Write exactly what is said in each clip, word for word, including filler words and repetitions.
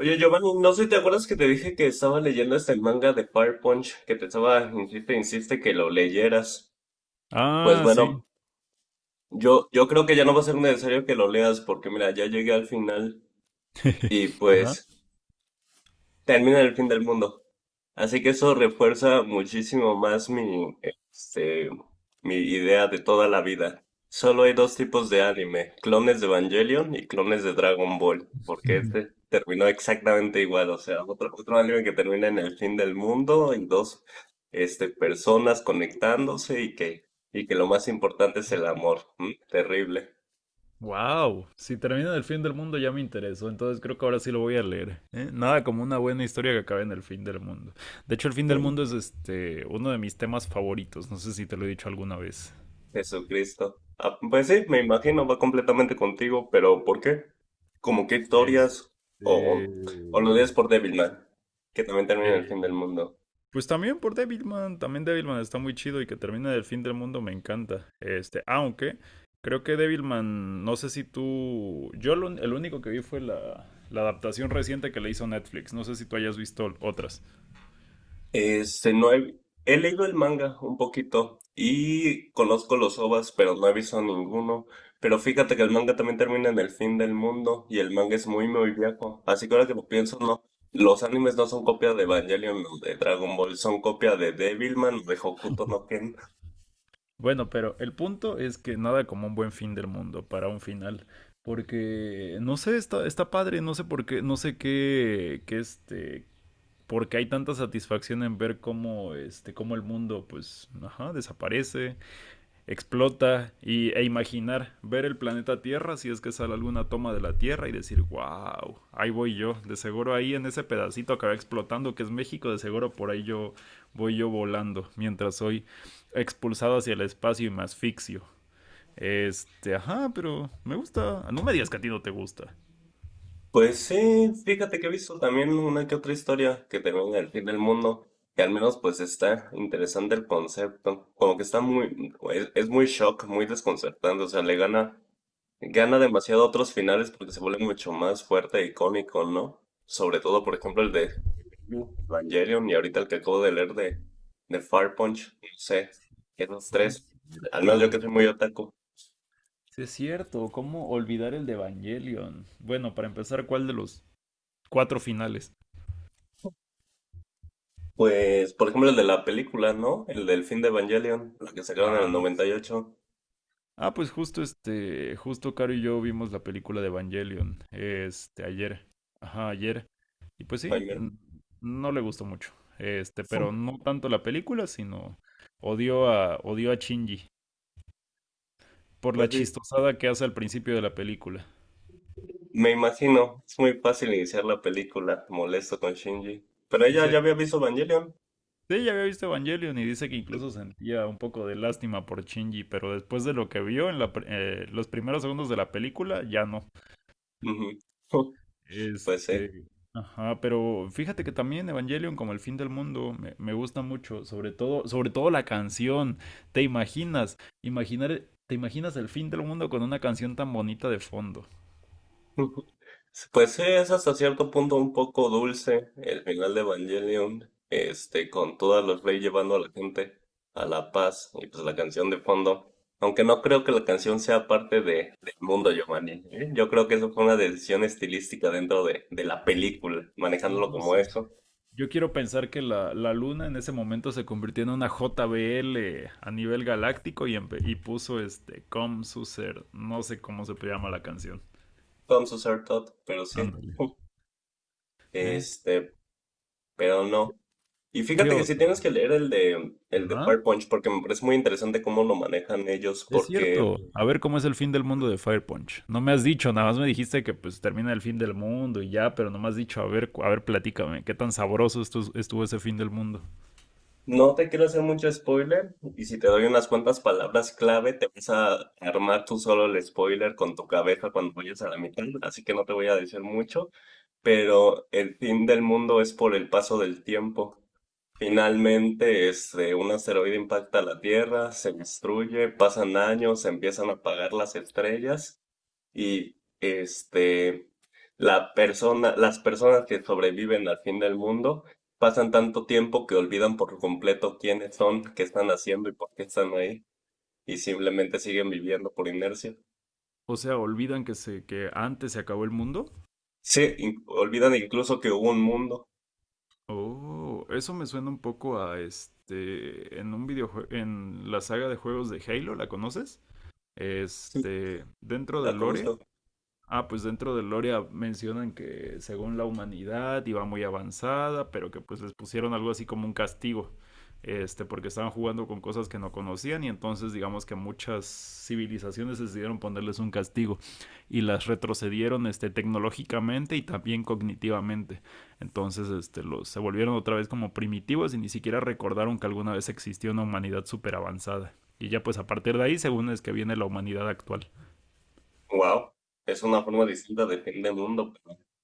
Oye, Giovanni, no sé si te acuerdas que te dije que estaba leyendo este manga de Fire Punch, que te estaba, insiste, insiste que lo leyeras. Pues Ah, sí. bueno, yo, yo creo que ya no va a ser necesario que lo leas, porque mira, ya llegué al final y Ajá. pues termina el fin del mundo. Así que eso refuerza muchísimo más mi, este, mi idea de toda la vida. Solo hay dos tipos de anime, clones de Evangelion y clones de Dragon Ball, porque este terminó exactamente igual, o sea, otro, otro anime que termina en el fin del mundo y dos, este, personas conectándose y que, y que lo más importante es el amor. ¿M? Terrible. Wow, si termina en el fin del mundo ya me interesó, entonces creo que ahora sí lo voy a leer, ¿eh? Nada como una buena historia que acabe en el fin del mundo. De hecho, el fin del mundo es este uno de mis temas favoritos. No sé si te lo he dicho alguna vez. Jesucristo. Ah, pues sí, me imagino, va completamente contigo, pero ¿por qué? ¿Como qué historias? Este, O, o lo lees por Devilman, que también termina en el eh, fin del mundo. Pues también por Devilman, también Devilman está muy chido y que termine del fin del mundo me encanta. Este, aunque creo que Devilman, no sé si tú, yo lo- el único que vi fue la, la adaptación reciente que le hizo Netflix, no sé si tú hayas visto otras. Este, no he, he leído el manga un poquito y conozco los OVAs, pero no he visto ninguno. Pero fíjate que el manga también termina en el fin del mundo y el manga es muy, muy viejo. Así que ahora que lo pienso, no. Los animes no son copia de Evangelion o de Dragon Ball, son copia de Devilman o de Hokuto no Ken. Bueno, pero el punto es que nada como un buen fin del mundo para un final, porque no sé, está, está padre, no sé por qué, no sé qué, qué este, porque hay tanta satisfacción en ver cómo, este, cómo el mundo, pues, ajá, desaparece, explota y, e imaginar ver el planeta Tierra, si es que sale alguna toma de la Tierra y decir, wow, ahí voy yo, de seguro ahí en ese pedacito que va explotando que es México, de seguro por ahí yo voy yo volando mientras soy expulsado hacia el espacio y me asfixio. Este, ajá, pero me gusta, no me digas que a ti no te gusta. Pues sí, fíjate que he visto también una que otra historia que termina en el fin del mundo, que al menos pues está interesante el concepto, como que está muy, es, es muy shock, muy desconcertante, o sea, le gana, gana demasiado a otros finales porque se vuelve mucho más fuerte e icónico, ¿no? Sobre todo, por ejemplo, el de Evangelion y ahorita el que acabo de leer de, de Fire Punch, no sé, esos Sí, es tres, al menos yo que cierto. soy muy otaku. Sí, es cierto, ¿cómo olvidar el de Evangelion? Bueno, para empezar, ¿cuál de los cuatro finales? Pues, por ejemplo, el de la película, ¿no? El del fin de Evangelion, la que sacaron en el Ah, noventa y sí. ocho, Ah, pues justo este, justo Caro y yo vimos la película de Evangelion, este, ayer, ajá, ayer, y pues Ay, sí, mira. n- no le gustó mucho, este, Fu. pero no tanto la película, sino odió a, odió a Shinji por la Pues sí, chistosada que hace al principio de la película. me imagino, es muy fácil iniciar la película, molesto con Shinji. Pero ella Sí, ya había visto Evangelion. sí, ya había visto Evangelion y dice que incluso sentía un poco de lástima por Shinji, pero después de lo que vio en la, pr- eh, los primeros segundos de la película, ya no. Ujú. Fu. Pues sí. Este, ajá, pero fíjate que también Evangelion como el fin del mundo me, me gusta mucho, sobre todo, sobre todo la canción. ¿Te imaginas? Imaginar, ¿te imaginas el fin del mundo con una canción tan bonita de fondo? Ujú. Pues sí, es hasta cierto punto un poco dulce el final de Evangelion, este, con todas las leyes llevando a la gente a la paz y pues la canción de fondo. Aunque no creo que la canción sea parte de, del mundo, Giovanni. ¿Eh? Yo creo que eso fue una decisión estilística dentro de, de la película, manejándolo No como sé. eso, Yo quiero pensar que la, la luna en ese momento se convirtió en una J B L a nivel galáctico y, empe- y puso este Com Suser, no sé cómo se llama la canción. con su ser tot, pero sí. Ándale. ¿Eh? Este, pero no. Y ¿Qué fíjate que sí otro? tienes que leer el de el de Ajá. Fire Punch porque me parece muy interesante cómo lo manejan ellos, Es porque cierto. A ver cómo es el fin del mundo de Fire Punch. No me has dicho, nada más me dijiste que pues termina el fin del mundo y ya, pero no me has dicho, a ver, cu- a ver, platícame, qué tan sabroso estu- estuvo ese fin del mundo. no te quiero hacer mucho spoiler y si te doy unas cuantas palabras clave, te vas a armar tú solo el spoiler con tu cabeza cuando vayas a la mitad, así que no te voy a decir mucho, pero el fin del mundo es por el paso del tiempo. Finalmente, este, un asteroide impacta la Tierra, se destruye, pasan años, se empiezan a apagar las estrellas y este, la persona, las personas que sobreviven al fin del mundo pasan tanto tiempo que olvidan por completo quiénes son, qué están haciendo y por qué están ahí, y simplemente siguen viviendo por inercia. O sea, olvidan que se que antes se acabó el mundo. Sí, in- olvidan incluso que hubo un mundo. Oh, eso me suena un poco a este en un videojuego en la saga de juegos de Halo, ¿la conoces? Sí, Este, dentro la del lore. conozco. Ah, pues dentro de Loria mencionan que según la humanidad iba muy avanzada, pero que pues les pusieron algo así como un castigo, este, porque estaban jugando con cosas que no conocían y entonces digamos que muchas civilizaciones decidieron ponerles un castigo y las retrocedieron, este, tecnológicamente y también cognitivamente. Entonces, este, los, se volvieron otra vez como primitivos y ni siquiera recordaron que alguna vez existió una humanidad súper avanzada. Y ya pues a partir de ahí, según es que viene la humanidad actual. Wow, es una forma distinta de fin del mundo.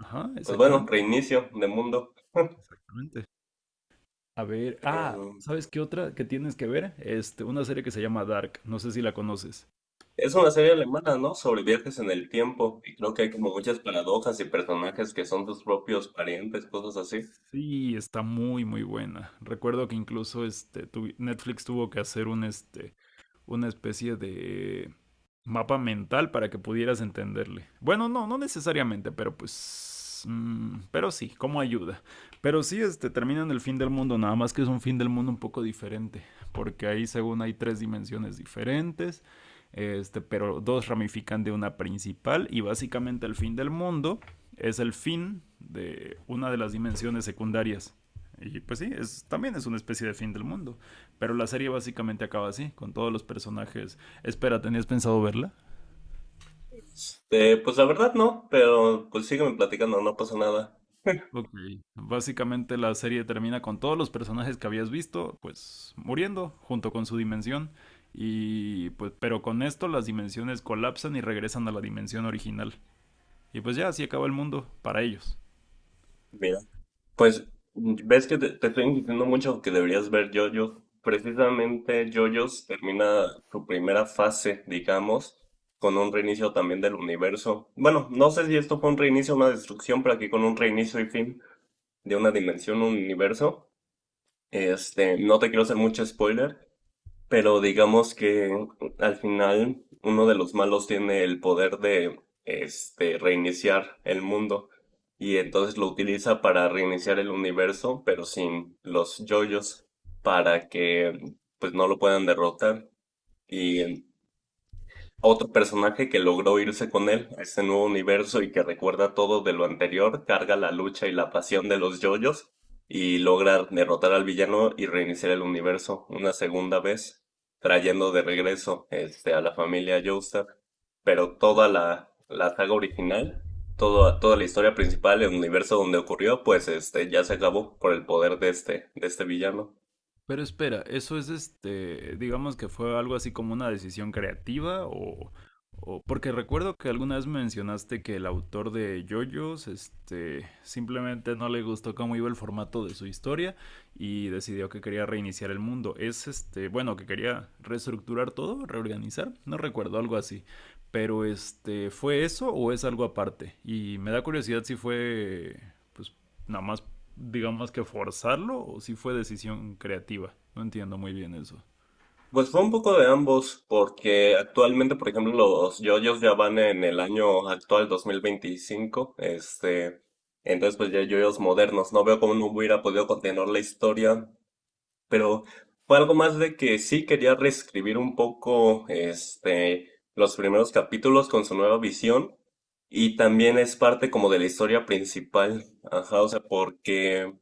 Ajá, Pues bueno, exactamente, reinicio de mundo. exactamente. A ver, ah, Em, ¿sabes qué otra que tienes que ver? Este, una serie que se llama Dark, no sé si la conoces. Es una serie alemana, ¿no? Sobre viajes en el tiempo. Y creo que hay como muchas paradojas y personajes que son tus propios parientes, cosas así. Sí, está muy muy buena. Recuerdo que incluso este tuvi- Netflix tuvo que hacer un este una especie de mapa mental para que pudieras entenderle. Bueno, no, no necesariamente, pero pues mm, pero sí, como ayuda. Pero sí, este, terminan el fin del mundo, nada más que es un fin del mundo un poco diferente, porque ahí según hay tres dimensiones diferentes, este, pero dos ramifican de una principal y básicamente el fin del mundo es el fin de una de las dimensiones secundarias. Y pues sí, es, también es una especie de fin del mundo. Pero la serie básicamente acaba así, con todos los personajes. Espera, ¿tenías pensado verla? Eh, pues la verdad no, pero pues sígueme platicando, no pasa nada. Ok. Básicamente la serie termina con todos los personajes que habías visto, pues muriendo junto con su dimensión. Y pues, pero con esto las dimensiones colapsan y regresan a la dimensión original. Y pues ya así acaba el mundo para ellos. Mira, pues ves que te, te estoy insistiendo mucho que deberías ver JoJo's. Precisamente JoJo's termina su primera fase, digamos, con un reinicio también del universo. Bueno, no sé si esto fue un reinicio o una destrucción, pero aquí con un reinicio y fin de una dimensión, un universo. Este, no te quiero hacer mucho spoiler, pero digamos que al final uno de los malos tiene el poder de este reiniciar el mundo y entonces lo utiliza para reiniciar el universo, pero sin los yoyos para que pues no lo puedan derrotar y a otro personaje que logró irse con él a ese nuevo universo y que recuerda todo de lo anterior, carga la lucha y la pasión de los yoyos y logra derrotar al villano y reiniciar el universo una segunda vez, trayendo de regreso este, a la familia Joestar. Pero toda la, la saga original, toda, toda la historia principal, el universo donde ocurrió, pues este, ya se acabó por el poder de este, de este villano. Pero espera, ¿eso es este, digamos que fue algo así como una decisión creativa o, o- porque recuerdo que alguna vez mencionaste que el autor de JoJo's, este, simplemente no le gustó cómo iba el formato de su historia y decidió que quería reiniciar el mundo. Es este, bueno, que quería reestructurar todo, reorganizar, no recuerdo, algo así. Pero este, ¿fue eso o es algo aparte? Y me da curiosidad si fue, pues, nada más, digamos, que forzarlo o si fue decisión creativa. No entiendo muy bien eso. Pues fue un poco de ambos, porque actualmente, por ejemplo, los yoyos ya van en el año actual dos mil veinticinco, este, entonces pues ya hay yoyos modernos, no veo cómo no hubiera podido continuar la historia, pero fue algo más de que sí quería reescribir un poco, este, los primeros capítulos con su nueva visión, y también es parte como de la historia principal, ajá, o sea, porque...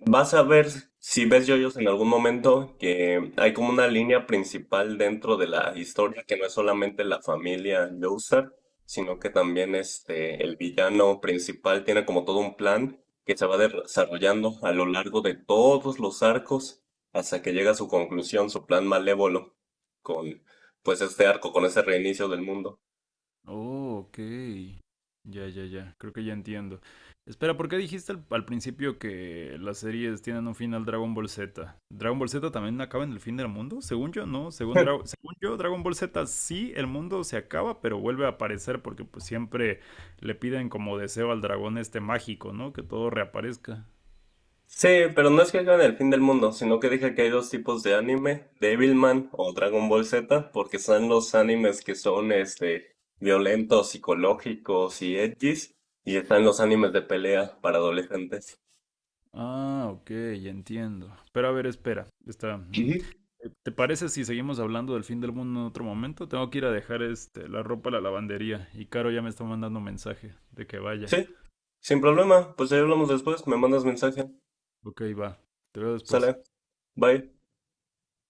Vas a ver si ves yoyos en algún momento que hay como una línea principal dentro de la historia que no es solamente la familia Joestar, sino que también este el villano principal tiene como todo un plan que se va de- desarrollando a lo largo de todos los arcos hasta que llega a su conclusión, su plan malévolo con pues este arco, con ese reinicio del mundo. Oh, ok. Ya, ya, ya. Creo que ya entiendo. Espera, ¿por qué dijiste al, al principio que las series tienen un final Dragon Ball Z? ¿Dragon Ball Z también acaba en el fin del mundo? Según yo, no. Según, Dra- según yo, Dragon Ball Z sí, el mundo se acaba, pero vuelve a aparecer porque pues siempre le piden como deseo al dragón este mágico, ¿no? Que todo reaparezca. Sí, pero no es que hagan el fin del mundo, sino que dije que hay dos tipos de anime, Devilman o Dragon Ball Z, porque están los animes que son este violentos, psicológicos y edgys, y están los animes de pelea para adolescentes. Ah, ok, ya entiendo. Pero a ver, espera. Está. mm. ¿Qué? Eh, ¿Te parece si seguimos hablando del fin del mundo en otro momento? Tengo que ir a dejar este la ropa a la lavandería y Caro ya me está mandando mensaje de que vaya. Sí, sin problema, pues ahí hablamos después, me mandas mensaje. Ok, va. Te veo después. Sale, bye.